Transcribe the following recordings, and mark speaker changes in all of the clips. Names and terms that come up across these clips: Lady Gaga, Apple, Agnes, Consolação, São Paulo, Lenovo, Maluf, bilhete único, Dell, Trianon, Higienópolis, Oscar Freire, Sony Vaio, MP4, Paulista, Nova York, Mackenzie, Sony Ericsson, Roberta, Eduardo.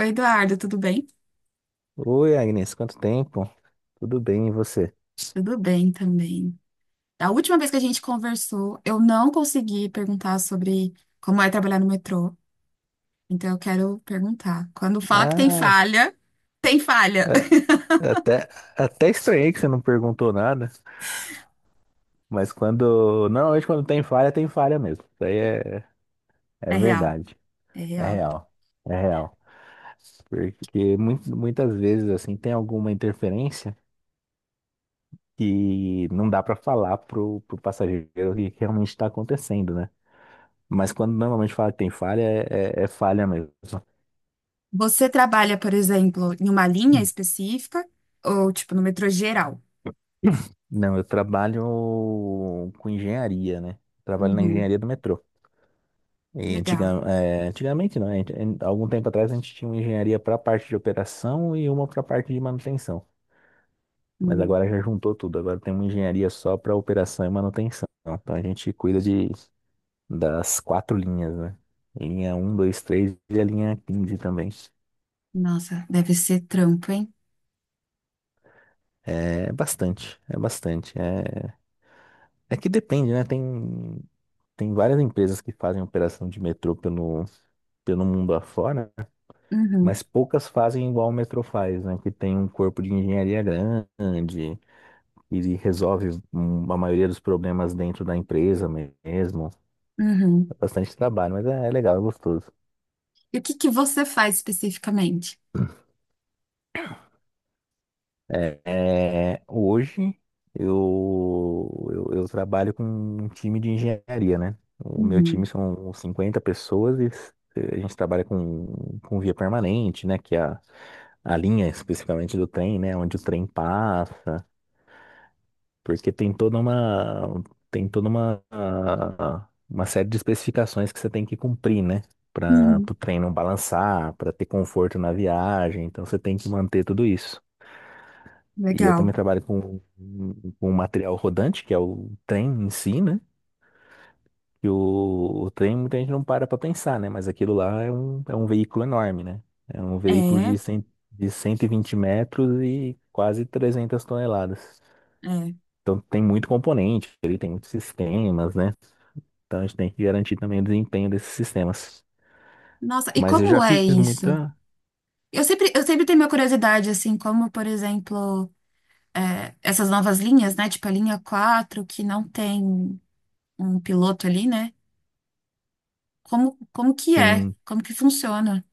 Speaker 1: Oi, Eduardo, tudo bem?
Speaker 2: Oi, Agnes, quanto tempo? Tudo bem, e você?
Speaker 1: Tudo bem também. Da última vez que a gente conversou, eu não consegui perguntar sobre como é trabalhar no metrô. Então eu quero perguntar. Quando fala que tem
Speaker 2: Ah,
Speaker 1: falha, tem falha.
Speaker 2: é, é até, até estranhei que você não perguntou nada, mas quando. Normalmente quando tem falha mesmo. Isso aí é
Speaker 1: É real,
Speaker 2: verdade.
Speaker 1: é
Speaker 2: É
Speaker 1: real.
Speaker 2: real. É real. Porque muito, muitas vezes, assim, tem alguma interferência que não dá para falar pro passageiro o que realmente está acontecendo, né? Mas quando normalmente fala que tem falha, é falha mesmo.
Speaker 1: Você trabalha, por exemplo, em uma linha específica ou tipo no metrô geral?
Speaker 2: Não, eu trabalho com engenharia, né? Trabalho na
Speaker 1: Uhum,
Speaker 2: engenharia do metrô. E
Speaker 1: legal.
Speaker 2: antiga- é, antigamente, não, a gente- em- algum tempo atrás a gente tinha uma engenharia para a parte de operação e uma para a parte de manutenção. Mas
Speaker 1: Hum,
Speaker 2: agora já juntou tudo, agora tem uma engenharia só para operação e manutenção. Então a gente cuida das quatro linhas, né? Linha um, 2, 3 e a linha 15 também.
Speaker 1: nossa, deve ser trampo, hein?
Speaker 2: É bastante, é bastante. É que depende, né? Tem várias empresas que fazem operação de metrô pelo mundo afora,
Speaker 1: Uhum,
Speaker 2: mas poucas fazem igual o metrô faz, né? Que tem um corpo de engenharia grande e resolve a maioria dos problemas dentro da empresa mesmo.
Speaker 1: uhum.
Speaker 2: É bastante trabalho, mas é legal, é gostoso.
Speaker 1: E o que que você faz especificamente?
Speaker 2: Hoje eu trabalho com um time de engenharia, né? O meu time
Speaker 1: Uhum,
Speaker 2: são 50 pessoas e a gente trabalha com via permanente, né? Que é a linha especificamente do trem, né? Onde o trem passa, porque tem toda uma série de especificações que você tem que cumprir, né? Para
Speaker 1: uhum,
Speaker 2: o trem não balançar, para ter conforto na viagem, então você tem que manter tudo isso. E eu também
Speaker 1: legal.
Speaker 2: trabalho com um material rodante, que é o trem em si, né? Que o trem muita gente não para pra pensar, né? Mas aquilo lá é um veículo enorme, né? É um veículo
Speaker 1: É.
Speaker 2: de 120 metros e quase 300 toneladas.
Speaker 1: É.
Speaker 2: Então tem muito componente, ele tem muitos sistemas, né? Então a gente tem que garantir também o desempenho desses sistemas.
Speaker 1: Nossa, e
Speaker 2: Mas eu já
Speaker 1: como é
Speaker 2: fiz
Speaker 1: isso?
Speaker 2: muita,
Speaker 1: Eu sempre tenho minha curiosidade, assim, como, por exemplo, essas novas linhas, né? Tipo a linha 4 que não tem um piloto ali, né? Como que é?
Speaker 2: sim,
Speaker 1: Como que funciona?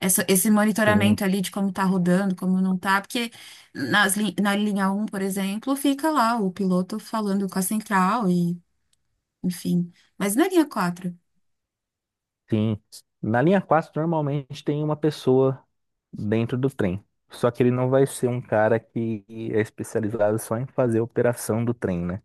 Speaker 1: Esse
Speaker 2: sim,
Speaker 1: monitoramento ali de como tá rodando, como não tá, porque na linha um, por exemplo, fica lá o piloto falando com a central e, enfim. Mas na linha quatro.
Speaker 2: sim. Na linha 4 normalmente tem uma pessoa dentro do trem. Só que ele não vai ser um cara que é especializado só em fazer operação do trem, né?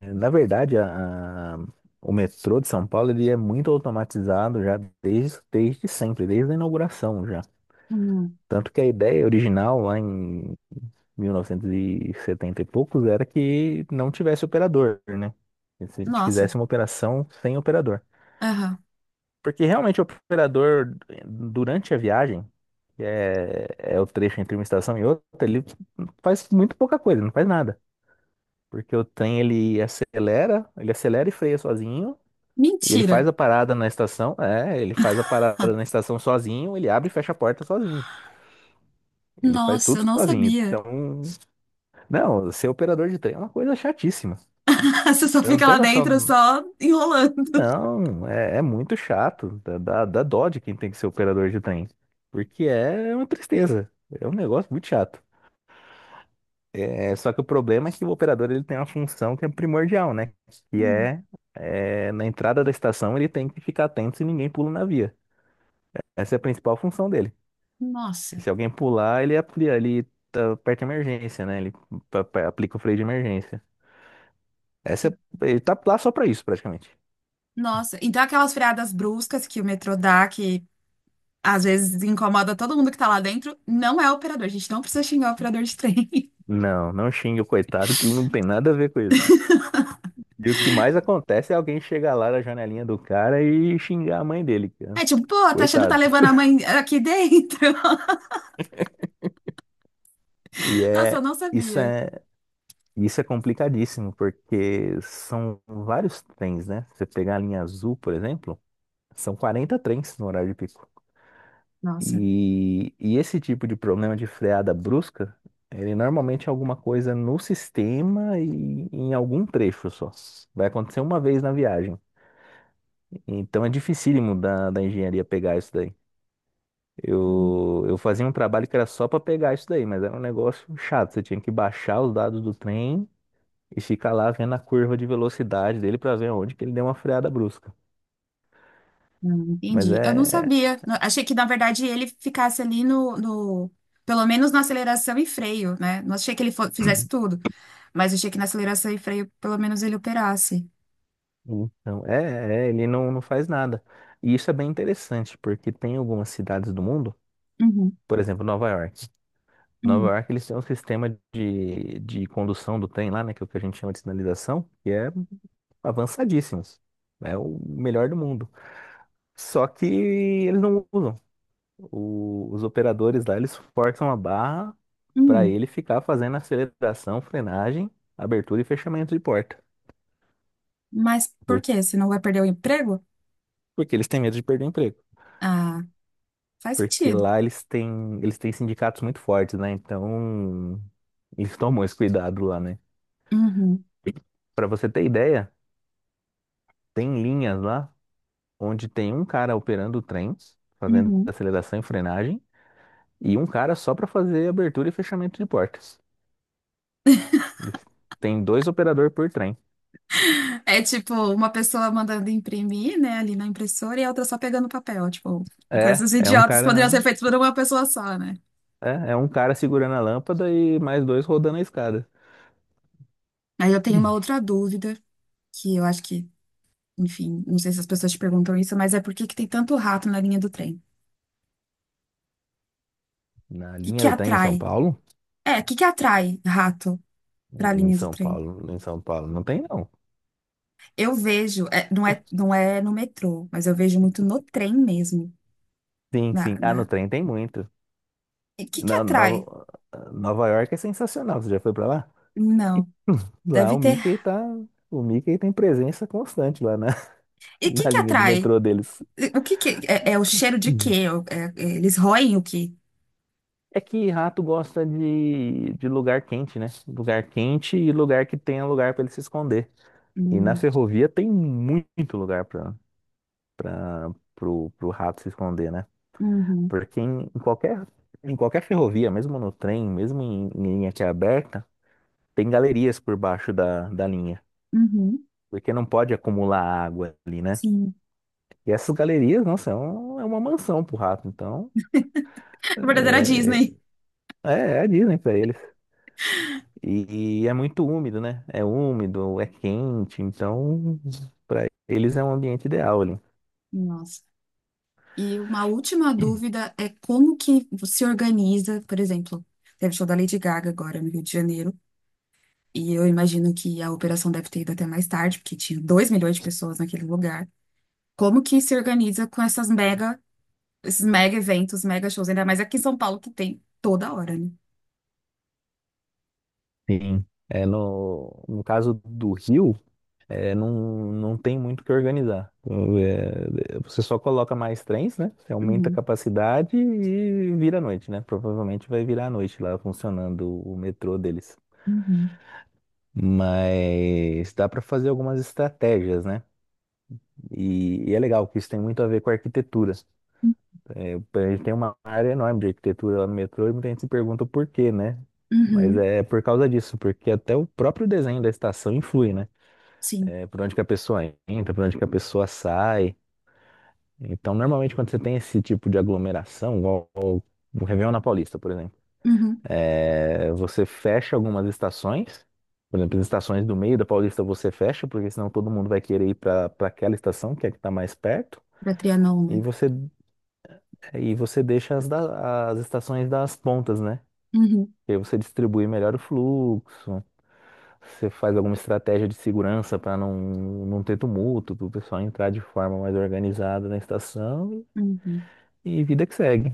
Speaker 2: Na verdade, o metrô de São Paulo ele é muito automatizado já desde sempre, desde a inauguração já.
Speaker 1: hum,
Speaker 2: Tanto que a ideia original lá em 1970 e setenta e poucos era que não tivesse operador, né? Que se a gente fizesse
Speaker 1: nossa,
Speaker 2: uma operação sem operador.
Speaker 1: aham.
Speaker 2: Porque realmente o operador, durante a viagem, que é o trecho entre uma estação e outra, ele faz muito pouca coisa, não faz nada. Porque o trem ele acelera e freia sozinho, e
Speaker 1: Mentira.
Speaker 2: ele faz a parada na estação sozinho, ele abre e fecha a porta sozinho. Ele faz
Speaker 1: Nossa,
Speaker 2: tudo
Speaker 1: eu não
Speaker 2: sozinho.
Speaker 1: sabia.
Speaker 2: Então, não, ser operador de trem é uma coisa chatíssima.
Speaker 1: Você só
Speaker 2: Eu não
Speaker 1: fica lá
Speaker 2: tenho
Speaker 1: dentro,
Speaker 2: noção.
Speaker 1: só enrolando.
Speaker 2: Não, é muito chato. Dá dó de quem tem que ser operador de trem. Porque é uma tristeza. É um negócio muito chato. Só que o problema é que o operador ele tem uma função que é primordial, né? Que
Speaker 1: Hum,
Speaker 2: é, na entrada da estação ele tem que ficar atento se ninguém pula na via. Essa é a principal função dele. E
Speaker 1: Nossa,
Speaker 2: se alguém pular, ele aplia, ele tá- aperta a emergência, né? Ele aplica o freio de emergência. Essa é- ele tá lá só pra isso, praticamente.
Speaker 1: nossa. Então aquelas freadas bruscas que o metrô dá, que às vezes incomoda todo mundo que tá lá dentro, não é operador. A gente não precisa xingar o operador de trem.
Speaker 2: Não, não xingue o coitado que não tem nada a ver com isso. E o que mais acontece é alguém chegar lá na janelinha do cara e xingar a mãe dele, cara.
Speaker 1: É tipo, pô, tá achando que tá
Speaker 2: Coitado.
Speaker 1: levando a mãe aqui dentro?
Speaker 2: E
Speaker 1: Nossa, eu
Speaker 2: é
Speaker 1: não
Speaker 2: isso
Speaker 1: sabia.
Speaker 2: é isso é complicadíssimo, porque são vários trens, né? Você pegar a linha azul, por exemplo, são 40 trens no horário de pico.
Speaker 1: Nossa.
Speaker 2: E esse tipo de problema de freada brusca, ele normalmente é alguma coisa no sistema e em algum trecho só. Vai acontecer uma vez na viagem. Então é dificílimo da engenharia pegar isso daí. Eu fazia um trabalho que era só para pegar isso daí, mas era um negócio chato. Você tinha que baixar os dados do trem e ficar lá vendo a curva de velocidade dele para ver onde que ele deu uma freada brusca.
Speaker 1: Hum,
Speaker 2: Mas
Speaker 1: entendi. Eu não sabia. Achei que, na verdade, ele ficasse ali pelo menos na aceleração e freio, né? Não achei que ele fizesse tudo, mas achei que na aceleração e freio, pelo menos ele operasse.
Speaker 2: então, ele não faz nada. E isso é bem interessante, porque tem algumas cidades do mundo,
Speaker 1: Uhum,
Speaker 2: por exemplo, Nova York. Nova
Speaker 1: uhum,
Speaker 2: York, eles têm um sistema de condução do trem lá, né, que é o que a gente chama de sinalização, que é avançadíssimo. É o melhor do mundo. Só que eles não usam. Os operadores lá, eles forçam a barra para
Speaker 1: uhum.
Speaker 2: ele ficar fazendo aceleração, frenagem, abertura e fechamento de porta.
Speaker 1: Mas por
Speaker 2: Por-
Speaker 1: quê? Você não vai perder o emprego?
Speaker 2: Porque eles têm medo de perder o emprego.
Speaker 1: Ah, faz
Speaker 2: Porque
Speaker 1: sentido.
Speaker 2: lá eles têm sindicatos muito fortes, né? Então, eles tomam esse cuidado lá, né?
Speaker 1: Uhum,
Speaker 2: Para você ter ideia, tem linhas lá onde tem um cara operando o trem, fazendo
Speaker 1: uhum.
Speaker 2: aceleração e frenagem, e um cara só para fazer abertura e fechamento de portas. Eles- Tem dois operadores por trem.
Speaker 1: É tipo uma pessoa mandando imprimir, né, ali na impressora e a outra só pegando papel. Tipo,
Speaker 2: É,
Speaker 1: coisas
Speaker 2: é um
Speaker 1: idiotas que poderiam ser
Speaker 2: cara
Speaker 1: feitas por uma pessoa só, né?
Speaker 2: é um cara segurando a lâmpada e mais dois rodando a escada.
Speaker 1: Aí eu tenho uma outra dúvida, que eu acho que, enfim, não sei se as pessoas te perguntam isso, mas é por que que tem tanto rato na linha do trem?
Speaker 2: Na
Speaker 1: O que que
Speaker 2: linha do trem em
Speaker 1: atrai?
Speaker 2: São Paulo?
Speaker 1: O que que atrai rato para a
Speaker 2: Em
Speaker 1: linha do
Speaker 2: São
Speaker 1: trem?
Speaker 2: Paulo, em São Paulo não tem não.
Speaker 1: Eu vejo, não é no metrô, mas eu vejo muito no trem mesmo.
Speaker 2: Sim,
Speaker 1: Na,
Speaker 2: sim. Ah, no
Speaker 1: na...
Speaker 2: trem tem muito.
Speaker 1: E o que que
Speaker 2: Na,
Speaker 1: atrai?
Speaker 2: Nova, Nova York é sensacional. Você já foi pra lá?
Speaker 1: Não,
Speaker 2: Lá
Speaker 1: deve
Speaker 2: o
Speaker 1: ter.
Speaker 2: Mickey tá, o Mickey tem presença constante lá
Speaker 1: E o que
Speaker 2: na
Speaker 1: que
Speaker 2: linha de
Speaker 1: atrai?
Speaker 2: metrô deles.
Speaker 1: E o que que é o cheiro de
Speaker 2: Uhum.
Speaker 1: quê? Eles roem o quê?
Speaker 2: É que rato gosta de lugar quente, né? Lugar quente e lugar que tenha lugar pra ele se esconder. E na
Speaker 1: Hum,
Speaker 2: ferrovia tem muito lugar pro rato se esconder, né?
Speaker 1: uhum,
Speaker 2: Porque em qualquer ferrovia, mesmo no trem, mesmo em linha que é aberta, tem galerias por baixo da linha,
Speaker 1: uhum,
Speaker 2: porque não pode acumular água ali, né?
Speaker 1: sim.
Speaker 2: E essas galerias, nossa, é uma mansão pro rato, então
Speaker 1: Verdadeira
Speaker 2: é,
Speaker 1: Disney.
Speaker 2: é a Disney pra eles. E é muito úmido, né? É úmido, é quente, então pra eles é um ambiente ideal ali.
Speaker 1: Nossa. E uma última dúvida é como que se organiza, por exemplo, teve show da Lady Gaga agora no Rio de Janeiro, e eu imagino que a operação deve ter ido até mais tarde, porque tinha 2 milhões de pessoas naquele lugar. Como que se organiza com esses mega eventos, mega shows, ainda mais aqui em São Paulo que tem toda hora, né?
Speaker 2: Sim. É no caso do Rio. Não, não tem muito o que organizar. Então, você só coloca mais trens, né? Você aumenta a
Speaker 1: Uhum,
Speaker 2: capacidade e vira à noite, né? Provavelmente vai virar à noite lá funcionando o metrô deles.
Speaker 1: uhum,
Speaker 2: Mas dá para fazer algumas estratégias, né? E é legal que isso tem muito a ver com a arquitetura. A gente tem uma área enorme de arquitetura lá no metrô e muita gente se pergunta por quê, né? Mas
Speaker 1: uhum,
Speaker 2: é por causa disso, porque até o próprio desenho da estação influi, né?
Speaker 1: sim,
Speaker 2: É por onde que a pessoa entra, por onde que a pessoa sai. Então, normalmente, quando você tem esse tipo de aglomeração, igual o Réveillon na Paulista, por exemplo,
Speaker 1: uhum,
Speaker 2: você fecha algumas estações. Por exemplo, as estações do meio da Paulista você fecha, porque senão todo mundo vai querer ir para aquela estação, que é a que está mais perto,
Speaker 1: da Trianon,
Speaker 2: e
Speaker 1: né?
Speaker 2: você, e você deixa as estações das pontas, né?
Speaker 1: Uhum,
Speaker 2: E aí você distribui melhor o fluxo, você faz alguma estratégia de segurança para não ter tumulto, para o pessoal entrar de forma mais organizada na estação
Speaker 1: uhum.
Speaker 2: e vida que segue.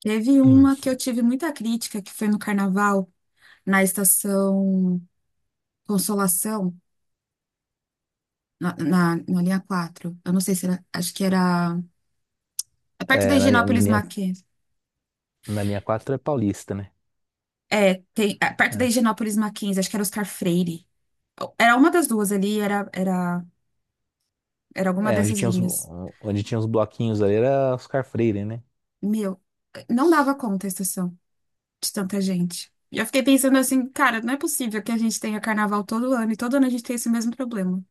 Speaker 1: Teve
Speaker 2: Hum.
Speaker 1: uma que eu tive muita crítica, que foi no Carnaval, na estação Consolação. Na linha quatro. Eu não sei se era. Acho que era. É perto da
Speaker 2: É, na linha, na
Speaker 1: Higienópolis
Speaker 2: linha,
Speaker 1: Mackenzie.
Speaker 2: na linha 4 é Paulista, né?
Speaker 1: É, tem. É perto da
Speaker 2: É,
Speaker 1: Higienópolis Mackenzie, acho que era Oscar Freire. Era uma das duas ali, era alguma
Speaker 2: é,
Speaker 1: dessas linhas.
Speaker 2: onde tinha os bloquinhos ali era Oscar Freire, né?
Speaker 1: Meu, não dava conta a estação de tanta gente. E eu fiquei pensando assim, cara, não é possível que a gente tenha carnaval todo ano e todo ano a gente tem esse mesmo problema.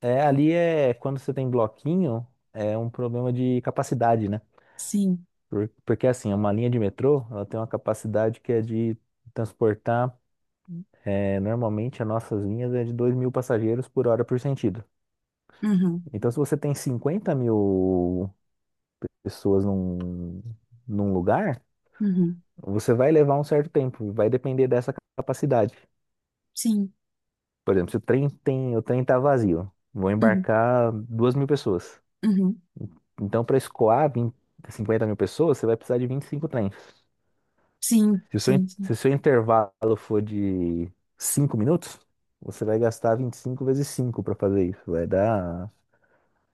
Speaker 2: É, ali é quando você tem bloquinho, é um problema de capacidade, né?
Speaker 1: Sim.
Speaker 2: Porque assim, é uma linha de metrô, ela tem uma capacidade que é de transportar, normalmente as nossas linhas é de 2.000 passageiros por hora por sentido.
Speaker 1: Uhum.
Speaker 2: Então, se você tem 50.000 pessoas num lugar,
Speaker 1: Uhum.
Speaker 2: você vai levar um certo tempo, vai depender dessa capacidade.
Speaker 1: Sim.
Speaker 2: Por exemplo, se o trem tá vazio, vão
Speaker 1: Uhum.
Speaker 2: embarcar 2.000 pessoas.
Speaker 1: Uhum.
Speaker 2: Então, para escoar 50 mil pessoas, você vai precisar de 25 trens.
Speaker 1: Sim,
Speaker 2: Se o seu, in-
Speaker 1: sim, sim.
Speaker 2: se o seu intervalo for de 5 minutos, você vai gastar 25 vezes 5 para fazer isso. Vai dar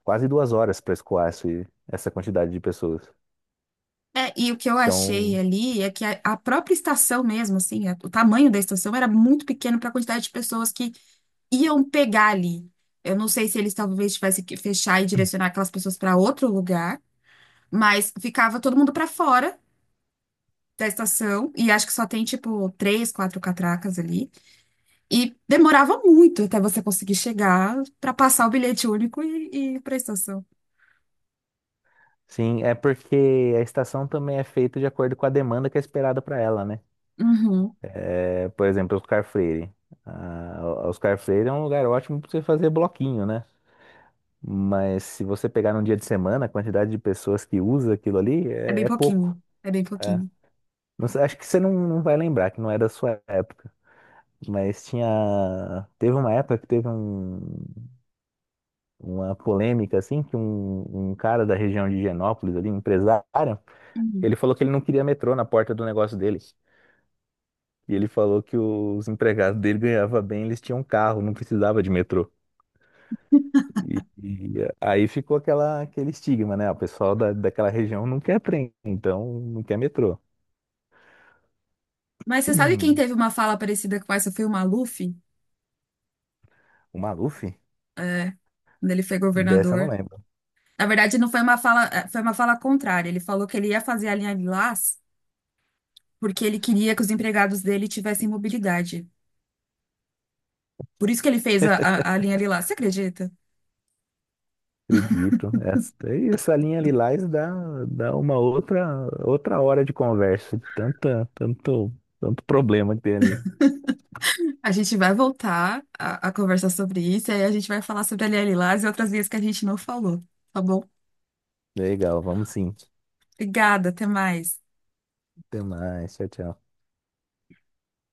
Speaker 2: quase 2 horas para escoar essa quantidade de pessoas.
Speaker 1: É, e o que eu achei
Speaker 2: Então,
Speaker 1: ali é que a própria estação mesmo, assim, o tamanho da estação era muito pequeno para a quantidade de pessoas que iam pegar ali. Eu não sei se eles talvez tivessem que fechar e direcionar aquelas pessoas para outro lugar, mas ficava todo mundo para fora da estação, e acho que só tem, tipo, três, quatro catracas ali. E demorava muito até você conseguir chegar para passar o bilhete único e ir para a estação.
Speaker 2: sim, é porque a estação também é feita de acordo com a demanda que é esperada para ela, né?
Speaker 1: Uhum.
Speaker 2: É, por exemplo, Oscar Freire. Ah, Oscar Freire é um lugar ótimo para você fazer bloquinho, né? Mas se você pegar num dia de semana, a quantidade de pessoas que usa aquilo ali
Speaker 1: É
Speaker 2: é,
Speaker 1: bem
Speaker 2: é pouco.
Speaker 1: pouquinho, é bem
Speaker 2: É.
Speaker 1: pouquinho.
Speaker 2: Não sei, acho que você não vai lembrar, que não é da sua época. Mas tinha. Teve uma época que teve uma polêmica, assim, que um cara da região de Higienópolis, ali, um empresário, ele falou que ele não queria metrô na porta do negócio dele. E ele falou que os empregados dele ganhavam bem, eles tinham carro, não precisava de metrô. E aí ficou aquele estigma, né? O pessoal daquela região não quer trem, então não quer metrô.
Speaker 1: Mas você sabe quem teve uma fala parecida com essa? Foi o Maluf,
Speaker 2: O Maluf?
Speaker 1: é, quando ele foi
Speaker 2: Dessa eu não
Speaker 1: governador.
Speaker 2: lembro,
Speaker 1: Na verdade, não foi uma fala, foi uma fala contrária. Ele falou que ele ia fazer a linha Lilás porque ele queria que os empregados dele tivessem mobilidade. Por isso que ele fez a linha Lilás. Você acredita?
Speaker 2: acredito. E essa linha Lilás dá uma outra hora de conversa, de tanto problema que tem ali.
Speaker 1: A gente vai voltar a conversar sobre isso e aí a gente vai falar sobre a linha Lilás e outras linhas que a gente não falou, tá bom?
Speaker 2: Legal, vamos sim.
Speaker 1: Obrigada, até mais.
Speaker 2: Até mais, tchau, tchau.